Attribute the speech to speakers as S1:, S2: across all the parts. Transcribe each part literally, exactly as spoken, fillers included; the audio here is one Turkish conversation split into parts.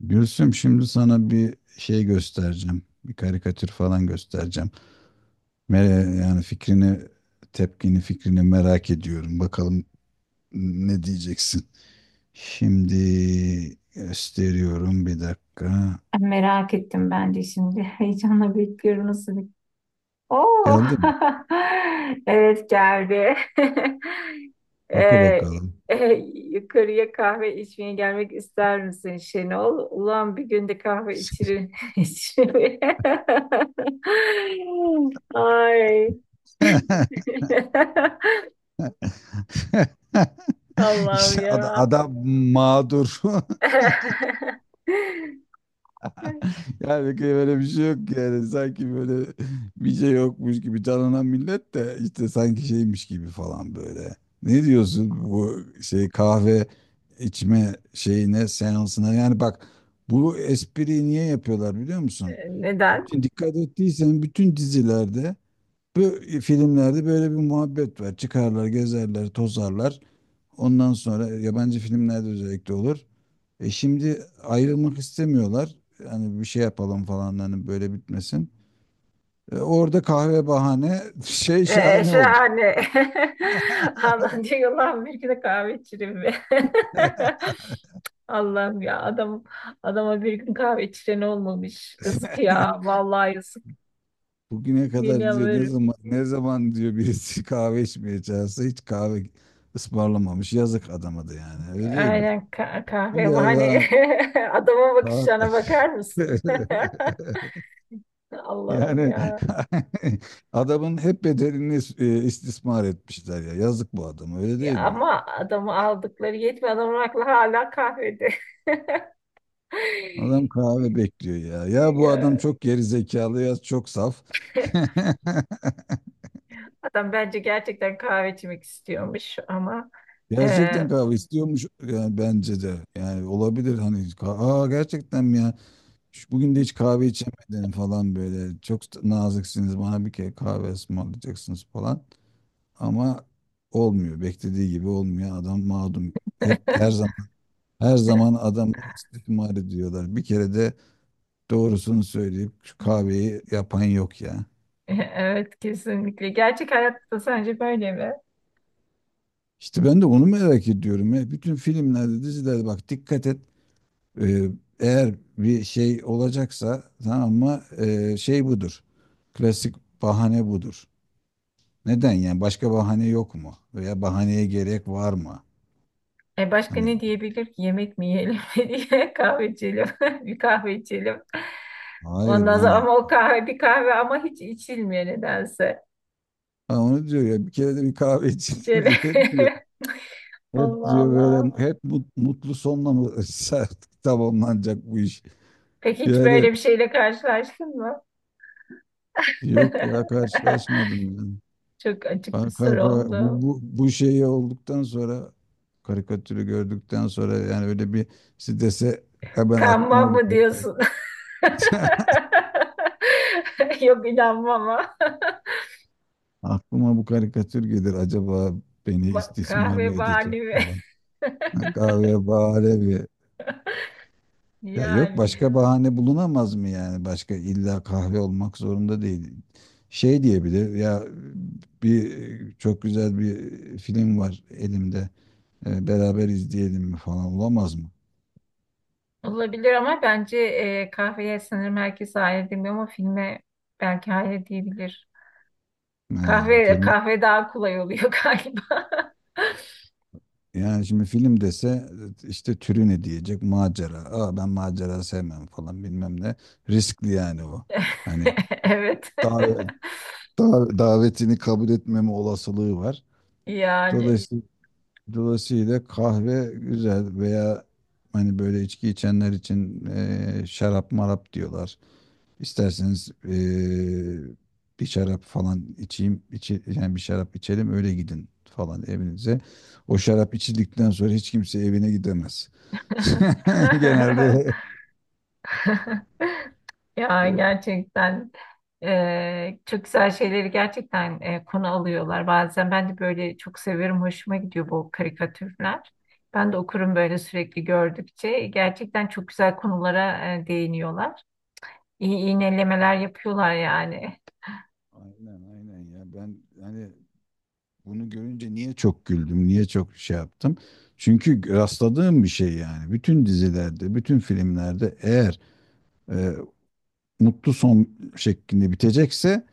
S1: Gülsüm şimdi sana bir şey göstereceğim. Bir karikatür falan göstereceğim. Mere- yani fikrini, tepkini, fikrini merak ediyorum. Bakalım ne diyeceksin. Şimdi gösteriyorum bir dakika.
S2: Merak ettim ben de şimdi. Heyecanla bekliyorum nasıl bir... Oo!
S1: Geldi mi?
S2: Evet geldi. Ee,
S1: Oku bakalım.
S2: e, yukarıya kahve içmeye gelmek ister misin Şenol? Ulan bir günde kahve içilir. içilir. Ay. Allah'ım
S1: İşte ada-
S2: ya.
S1: adam, mağdur. Yani böyle bir şey yok, yani sanki böyle bir şey yokmuş gibi canlanan millet de işte sanki şeymiş gibi falan böyle. Ne diyorsun bu şey kahve içme şeyine, seansına, yani bak bu espriyi niye yapıyorlar biliyor musun?
S2: Neden?
S1: Şimdi dikkat ettiysen bütün dizilerde, bu filmlerde böyle bir muhabbet var. Çıkarlar, gezerler, tozarlar. Ondan sonra yabancı filmlerde özellikle olur. E şimdi ayrılmak istemiyorlar. Yani bir şey yapalım falan, hani böyle bitmesin. E orada kahve bahane şey
S2: Ee,
S1: şahane oldu.
S2: şahane. Allah diyor, Allah'ım bir gün kahve içireyim be. Allah'ım ya, adam adama bir gün kahve içiren olmamış. Yazık ya, vallahi yazık.
S1: Bugüne kadar diyor, ne
S2: Yeniyorum.
S1: zaman ne zaman diyor birisi kahve içmeye çağırsa hiç kahve ısmarlamamış. Yazık adama da yani, öyle değil mi?
S2: Aynen, ka-
S1: Bir
S2: kahve bahane.
S1: yalan.
S2: Adama, bakışlarına bakar mısın? Allah'ım
S1: Yani
S2: ya.
S1: adamın hep bedelini e, istismar etmişler ya. Yazık bu adama, öyle
S2: Ya
S1: değil mi?
S2: ama adamı aldıkları yetmiyor. Adamın aklı hala kahvede.
S1: Adam kahve bekliyor ya. Ya bu adam
S2: Ya.
S1: çok geri zekalı ya çok saf.
S2: Adam bence gerçekten kahve içmek istiyormuş ama e,
S1: Gerçekten kahve istiyormuş yani bence de. Yani olabilir hani ka- aa gerçekten mi ya? Şu- Bugün de hiç kahve içemedin falan böyle. Çok da naziksiniz, bana bir kere kahve ısmarlayacaksınız falan. Ama olmuyor. Beklediği gibi olmuyor. Adam mağdum. Hep her zaman, her zaman adamı istismar ediyorlar. Bir kere de doğrusunu söyleyip şu kahveyi yapan yok ya.
S2: evet, kesinlikle. Gerçek hayatta sence böyle mi?
S1: İşte ben de onu merak ediyorum. Ya. Bütün filmlerde, dizilerde bak dikkat et. Ee, eğer bir şey olacaksa tamam mı? Ee, şey budur. Klasik bahane budur. Neden yani? Başka bahane yok mu? Veya bahaneye gerek var mı?
S2: E başka ne
S1: Hani
S2: diyebilir ki? Yemek mi yiyelim diye, kahve içelim. Bir kahve içelim.
S1: hayır
S2: Ondan sonra
S1: yani.
S2: ama o kahve bir kahve ama hiç içilmiyor nedense.
S1: Ha, onu diyor ya, bir kere de bir kahve içelim
S2: Şöyle.
S1: diye hep diyor. Hep
S2: Allah
S1: diyor
S2: Allah.
S1: böyle, hep mut- mutlu sonla mı tamamlanacak bu iş?
S2: Peki hiç
S1: Yani
S2: böyle bir şeyle karşılaştın mı?
S1: yok ya, karşılaşmadım ya.
S2: Çok açık bir
S1: Ka-
S2: soru
S1: Kanka bu,
S2: oldu.
S1: bu, bu şeyi olduktan sonra, karikatürü gördükten sonra yani öyle bir strese, "E ben
S2: Kanban
S1: aklıma bu
S2: mı
S1: karikatür,
S2: diyorsun? Yok, inanmam ama.
S1: aklıma bu karikatür gelir acaba, beni
S2: Ba-
S1: istismar
S2: kahve
S1: mı edecek
S2: bahane mi?
S1: falan." Ha, kahve bahane bir. Ya yok,
S2: Yani
S1: başka bahane bulunamaz mı yani? Başka illa kahve olmak zorunda değil. Şey diyebilir ya, bir çok güzel bir film var elimde. E, beraber izleyelim mi falan olamaz mı?
S2: olabilir ama bence, e, kahveye sanırım herkes hayır demiyor ama filme belki hayır diyebilir.
S1: Ha,
S2: Kahve
S1: film.
S2: kahve daha kolay oluyor galiba.
S1: Yani şimdi film dese, işte türü ne diyecek? Macera. Aa ben macera sevmem falan bilmem ne. Riskli yani o. Hani
S2: Evet.
S1: davet, da- davetini kabul etmeme olasılığı var.
S2: Yani.
S1: Dolayısıyla, dolayısıyla kahve güzel veya hani böyle içki içenler için eee, şarap marap diyorlar. İsterseniz eee, bir şarap falan içeyim, içi, yani bir şarap içelim öyle gidin falan evinize. O şarap içildikten sonra hiç kimse evine gidemez. Genelde
S2: Ya
S1: bu,
S2: gerçekten, e, çok güzel şeyleri gerçekten, e, konu alıyorlar. Bazen ben de böyle çok severim, hoşuma gidiyor bu karikatürler. Ben de okurum böyle, sürekli gördükçe. Gerçekten çok güzel konulara e, değiniyorlar. İyi iğnelemeler yapıyorlar yani.
S1: aynen aynen ya, ben hani bunu görünce niye çok güldüm, niye çok şey yaptım? Çünkü rastladığım bir şey yani. Bütün dizilerde, bütün filmlerde eğer eee, mutlu son şeklinde bitecekse,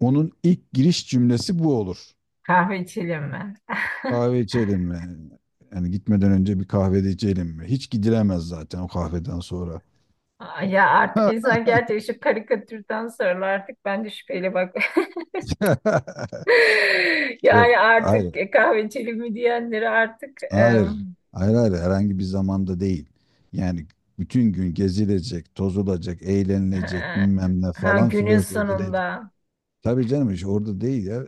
S1: onun ilk giriş cümlesi bu olur.
S2: Kahve içelim mi?
S1: Kahve içelim mi? Yani gitmeden önce bir kahve de içelim mi? Hiç gidilemez zaten o kahveden sonra.
S2: Ay ya, artık insan gerçekten şu karikatürden sonra artık ben de şüpheyle bak.
S1: Yok,
S2: Yani
S1: hayır,
S2: artık, e, kahve içelim mi diyenleri artık
S1: hayır,
S2: em,
S1: hayır, hayır, herhangi bir zamanda değil. Yani bütün gün gezilecek, tozulacak, eğlenilecek,
S2: ha,
S1: bilmem ne
S2: ha,
S1: falan,
S2: günün
S1: flört edilecek.
S2: sonunda.
S1: Tabii canım, iş orada değil ya.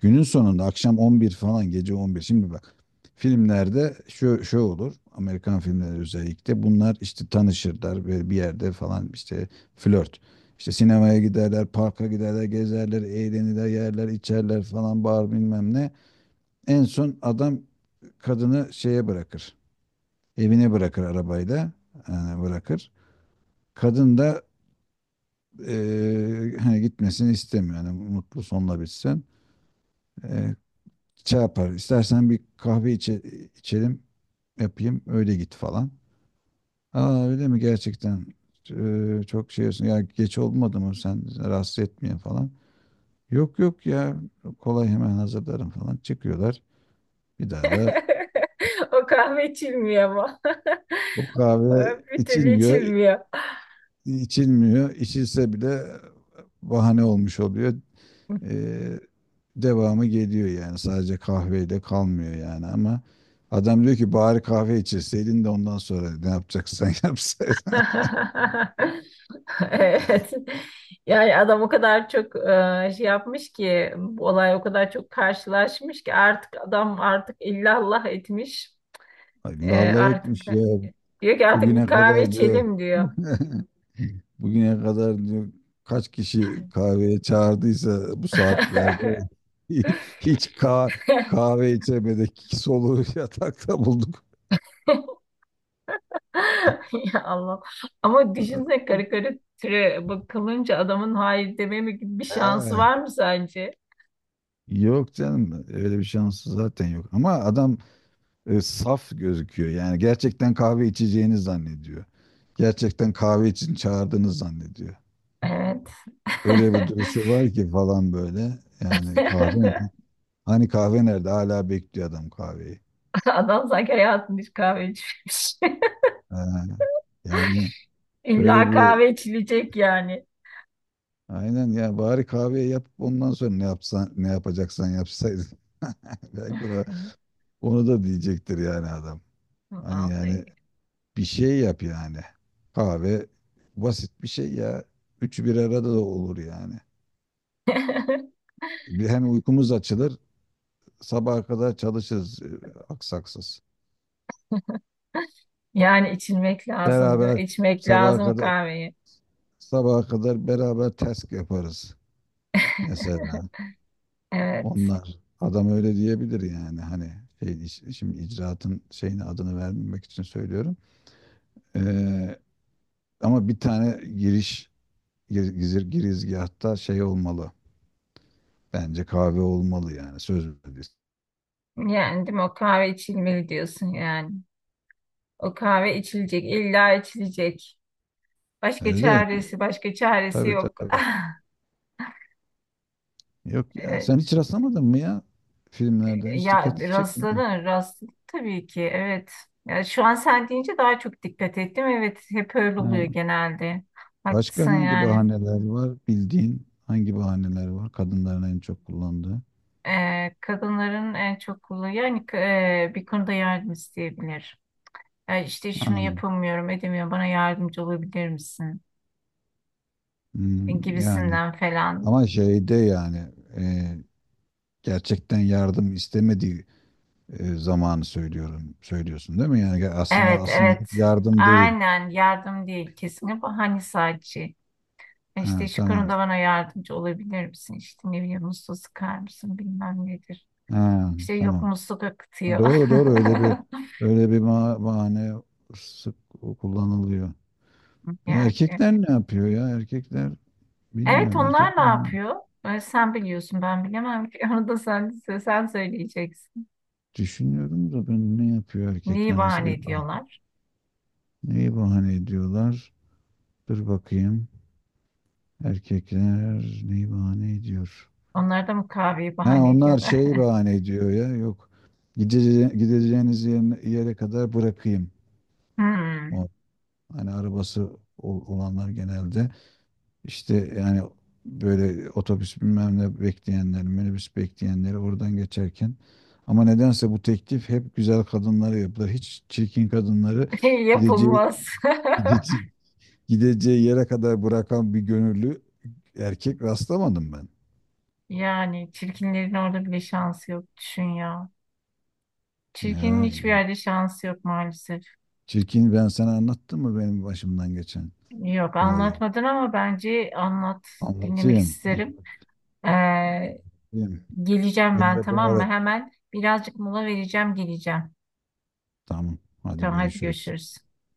S1: Günün sonunda akşam on bir falan, gece on bir. Şimdi bak, filmlerde şu, şu olur. Amerikan filmleri özellikle bunlar, işte tanışırlar ve bir yerde falan işte flört. İşte sinemaya giderler, parka giderler, gezerler, eğlenirler, yerler, içerler falan, bağır bilmem ne. En son adam kadını şeye bırakır. Evine bırakır arabayla. Yani bırakır. Kadın da eee, hani gitmesini istemiyor. Yani mutlu sonla bitsin. Eee, şey yapar. İstersen bir kahve içe, içelim yapayım öyle git falan. Aa öyle mi gerçekten? Ee, çok şey olsun. Ya geç olmadı mı, sen rahatsız etmeyin falan. Yok yok ya, kolay hemen hazırlarım falan, çıkıyorlar. Bir daha da
S2: O kahve içilmiyor ama.
S1: bu kahve
S2: Bir türlü
S1: içilmiyor.
S2: içilmiyor.
S1: İçilmiyor, İçilse bile bahane olmuş oluyor. Ee, devamı geliyor yani. Sadece kahveyle kalmıyor yani, ama adam diyor ki bari kahve içirseydin de ondan sonra ne yapacaksan yapsaydın.
S2: Evet. Yani adam o kadar çok, e, şey yapmış ki, bu olay o kadar çok karşılaşmış ki artık adam artık illallah etmiş.
S1: Ay,
S2: E,
S1: lalla
S2: artık
S1: etmiş ya.
S2: diyor ki artık bir
S1: Bugüne
S2: kahve
S1: kadar diyor.
S2: içelim diyor.
S1: Bugüne kadar diyor kaç kişi kahveye çağırdıysa bu saatlerde hiç ka- kahve içemedik. Soluğu yatakta bulduk.
S2: Ya Allah. Ama düşünsene, karikatüre bakılınca adamın hayır dememe gibi bir şansı
S1: He.
S2: var mı sence?
S1: Yok canım, öyle bir şansı zaten yok. Ama adam e, saf gözüküyor. Yani gerçekten kahve içeceğini zannediyor. Gerçekten kahve için çağırdığını zannediyor.
S2: Evet.
S1: Öyle bir duruşu var ki falan böyle. Yani kahve mi? Hani kahve nerede? Hala bekliyor adam kahveyi.
S2: Adam sanki hayatında hiç kahve içmemiş.
S1: Ha, yani böyle
S2: İlla
S1: bir,
S2: kahve içilecek yani.
S1: aynen ya, bari kahveyi yapıp ondan sonra ne yapsan, ne yapacaksan yapsaydın. Belki o- onu da diyecektir yani adam. Hani yani
S2: Vallahi.
S1: bir şey yap yani. Kahve basit bir şey ya. Üçü bir arada da olur yani. Bir, hem uykumuz açılır, sabaha kadar çalışırız e, aksaksız.
S2: Yani içilmek lazım diyor.
S1: Beraber
S2: İçmek
S1: sabaha
S2: lazım o
S1: kadar,
S2: kahveyi.
S1: sabaha kadar beraber task yaparız mesela.
S2: Evet.
S1: Onlar adam öyle diyebilir yani, hani şey, iş- şimdi icraatın şeyini, adını vermemek için söylüyorum. Ee, ama bir tane giriş, gir- gizir girizgahta şey olmalı. Bence kahve olmalı, yani söz verdiğiniz.
S2: Yani değil mi? O kahve içilmeli diyorsun yani. O kahve içilecek. İlla içilecek. Başka
S1: Öyle değil mi?
S2: çaresi, başka çaresi
S1: Tabii
S2: yok.
S1: tabii. Yok ya,
S2: Ee,
S1: sen hiç rastlamadın mı ya filmlerden, hiç
S2: Ya
S1: dikkatini çekmedin?
S2: rastladın, rastladım tabii ki. Evet. Ya şu an sen deyince daha çok dikkat ettim. Evet, hep öyle oluyor
S1: Ha.
S2: genelde.
S1: Başka
S2: Haklısın
S1: hangi
S2: yani.
S1: bahaneler var, bildiğin hangi bahaneler var kadınların en çok kullandığı?
S2: Ee, kadınların en çok kullandığı yani, e, bir konuda yardım isteyebilir. Ya işte
S1: Ha.
S2: şunu yapamıyorum, edemiyorum. Bana yardımcı olabilir misin?
S1: Hmm, yani
S2: Gibisinden falan.
S1: ama şeyde yani, e, gerçekten yardım istemediği e, zamanı söylüyorum söylüyorsun değil mi? Yani aslında
S2: Evet,
S1: asıl
S2: evet.
S1: niyet yardım değil.
S2: Aynen, yardım değil kesinlikle. Hani sadece
S1: Ha,
S2: işte şu konuda
S1: tamam.
S2: bana yardımcı olabilir misin? İşte ne bileyim, musluğu sıkar mısın bilmem nedir.
S1: Ha,
S2: İşte yok,
S1: tamam.
S2: musluk akıtıyor.
S1: Doğru doğru, öyle bir, öyle bir ma- bahane sık kullanılıyor. E,
S2: Yani. e,
S1: erkekler ne yapıyor ya? Erkekler
S2: Evet,
S1: bilmiyorum. Erkek
S2: onlar ne yapıyor? Ee, Sen biliyorsun, ben bilemem ki. Onu da sen, sen söyleyeceksin.
S1: düşünüyorum da ben, ne yapıyor
S2: Neyi
S1: erkekler, nasıl
S2: bahane
S1: bir bah-
S2: ediyorlar?
S1: neyi bahane ediyorlar? Dur bakayım. Erkekler neyi bahane ediyor?
S2: Onlar da mı kahveyi
S1: Ha,
S2: bahane
S1: onlar
S2: ediyorlar?
S1: şeyi bahane ediyor ya. Yok. Gidece gideceğiniz yerine- yere kadar bırakayım.
S2: Hmm.
S1: O hani arabası ol- olanlar genelde. İşte yani böyle otobüs bilmem ne bekleyenler, minibüs bekleyenleri oradan geçerken, ama nedense bu teklif hep güzel kadınlara yapılır. Hiç çirkin kadınları gideceği,
S2: Yapılmaz.
S1: gideceği, gideceği yere kadar bırakan bir gönüllü erkek rastlamadım ben.
S2: Yani çirkinlerin orada bile şansı yok. Düşün ya. Çirkinin
S1: Ya,
S2: hiçbir
S1: ya.
S2: yerde şansı yok maalesef.
S1: Çirkin, ben sana anlattım mı benim başımdan geçen
S2: Yok
S1: olayı?
S2: anlatmadın ama bence anlat. Dinlemek
S1: Anlatayım,
S2: isterim. Ee,
S1: anlatayım.
S2: Geleceğim
S1: Bir
S2: ben,
S1: ara, bir
S2: tamam mı?
S1: ara.
S2: Hemen birazcık mola vereceğim, geleceğim.
S1: Tamam, hadi
S2: Tamam, hadi
S1: görüşürüz.
S2: görüşürüz.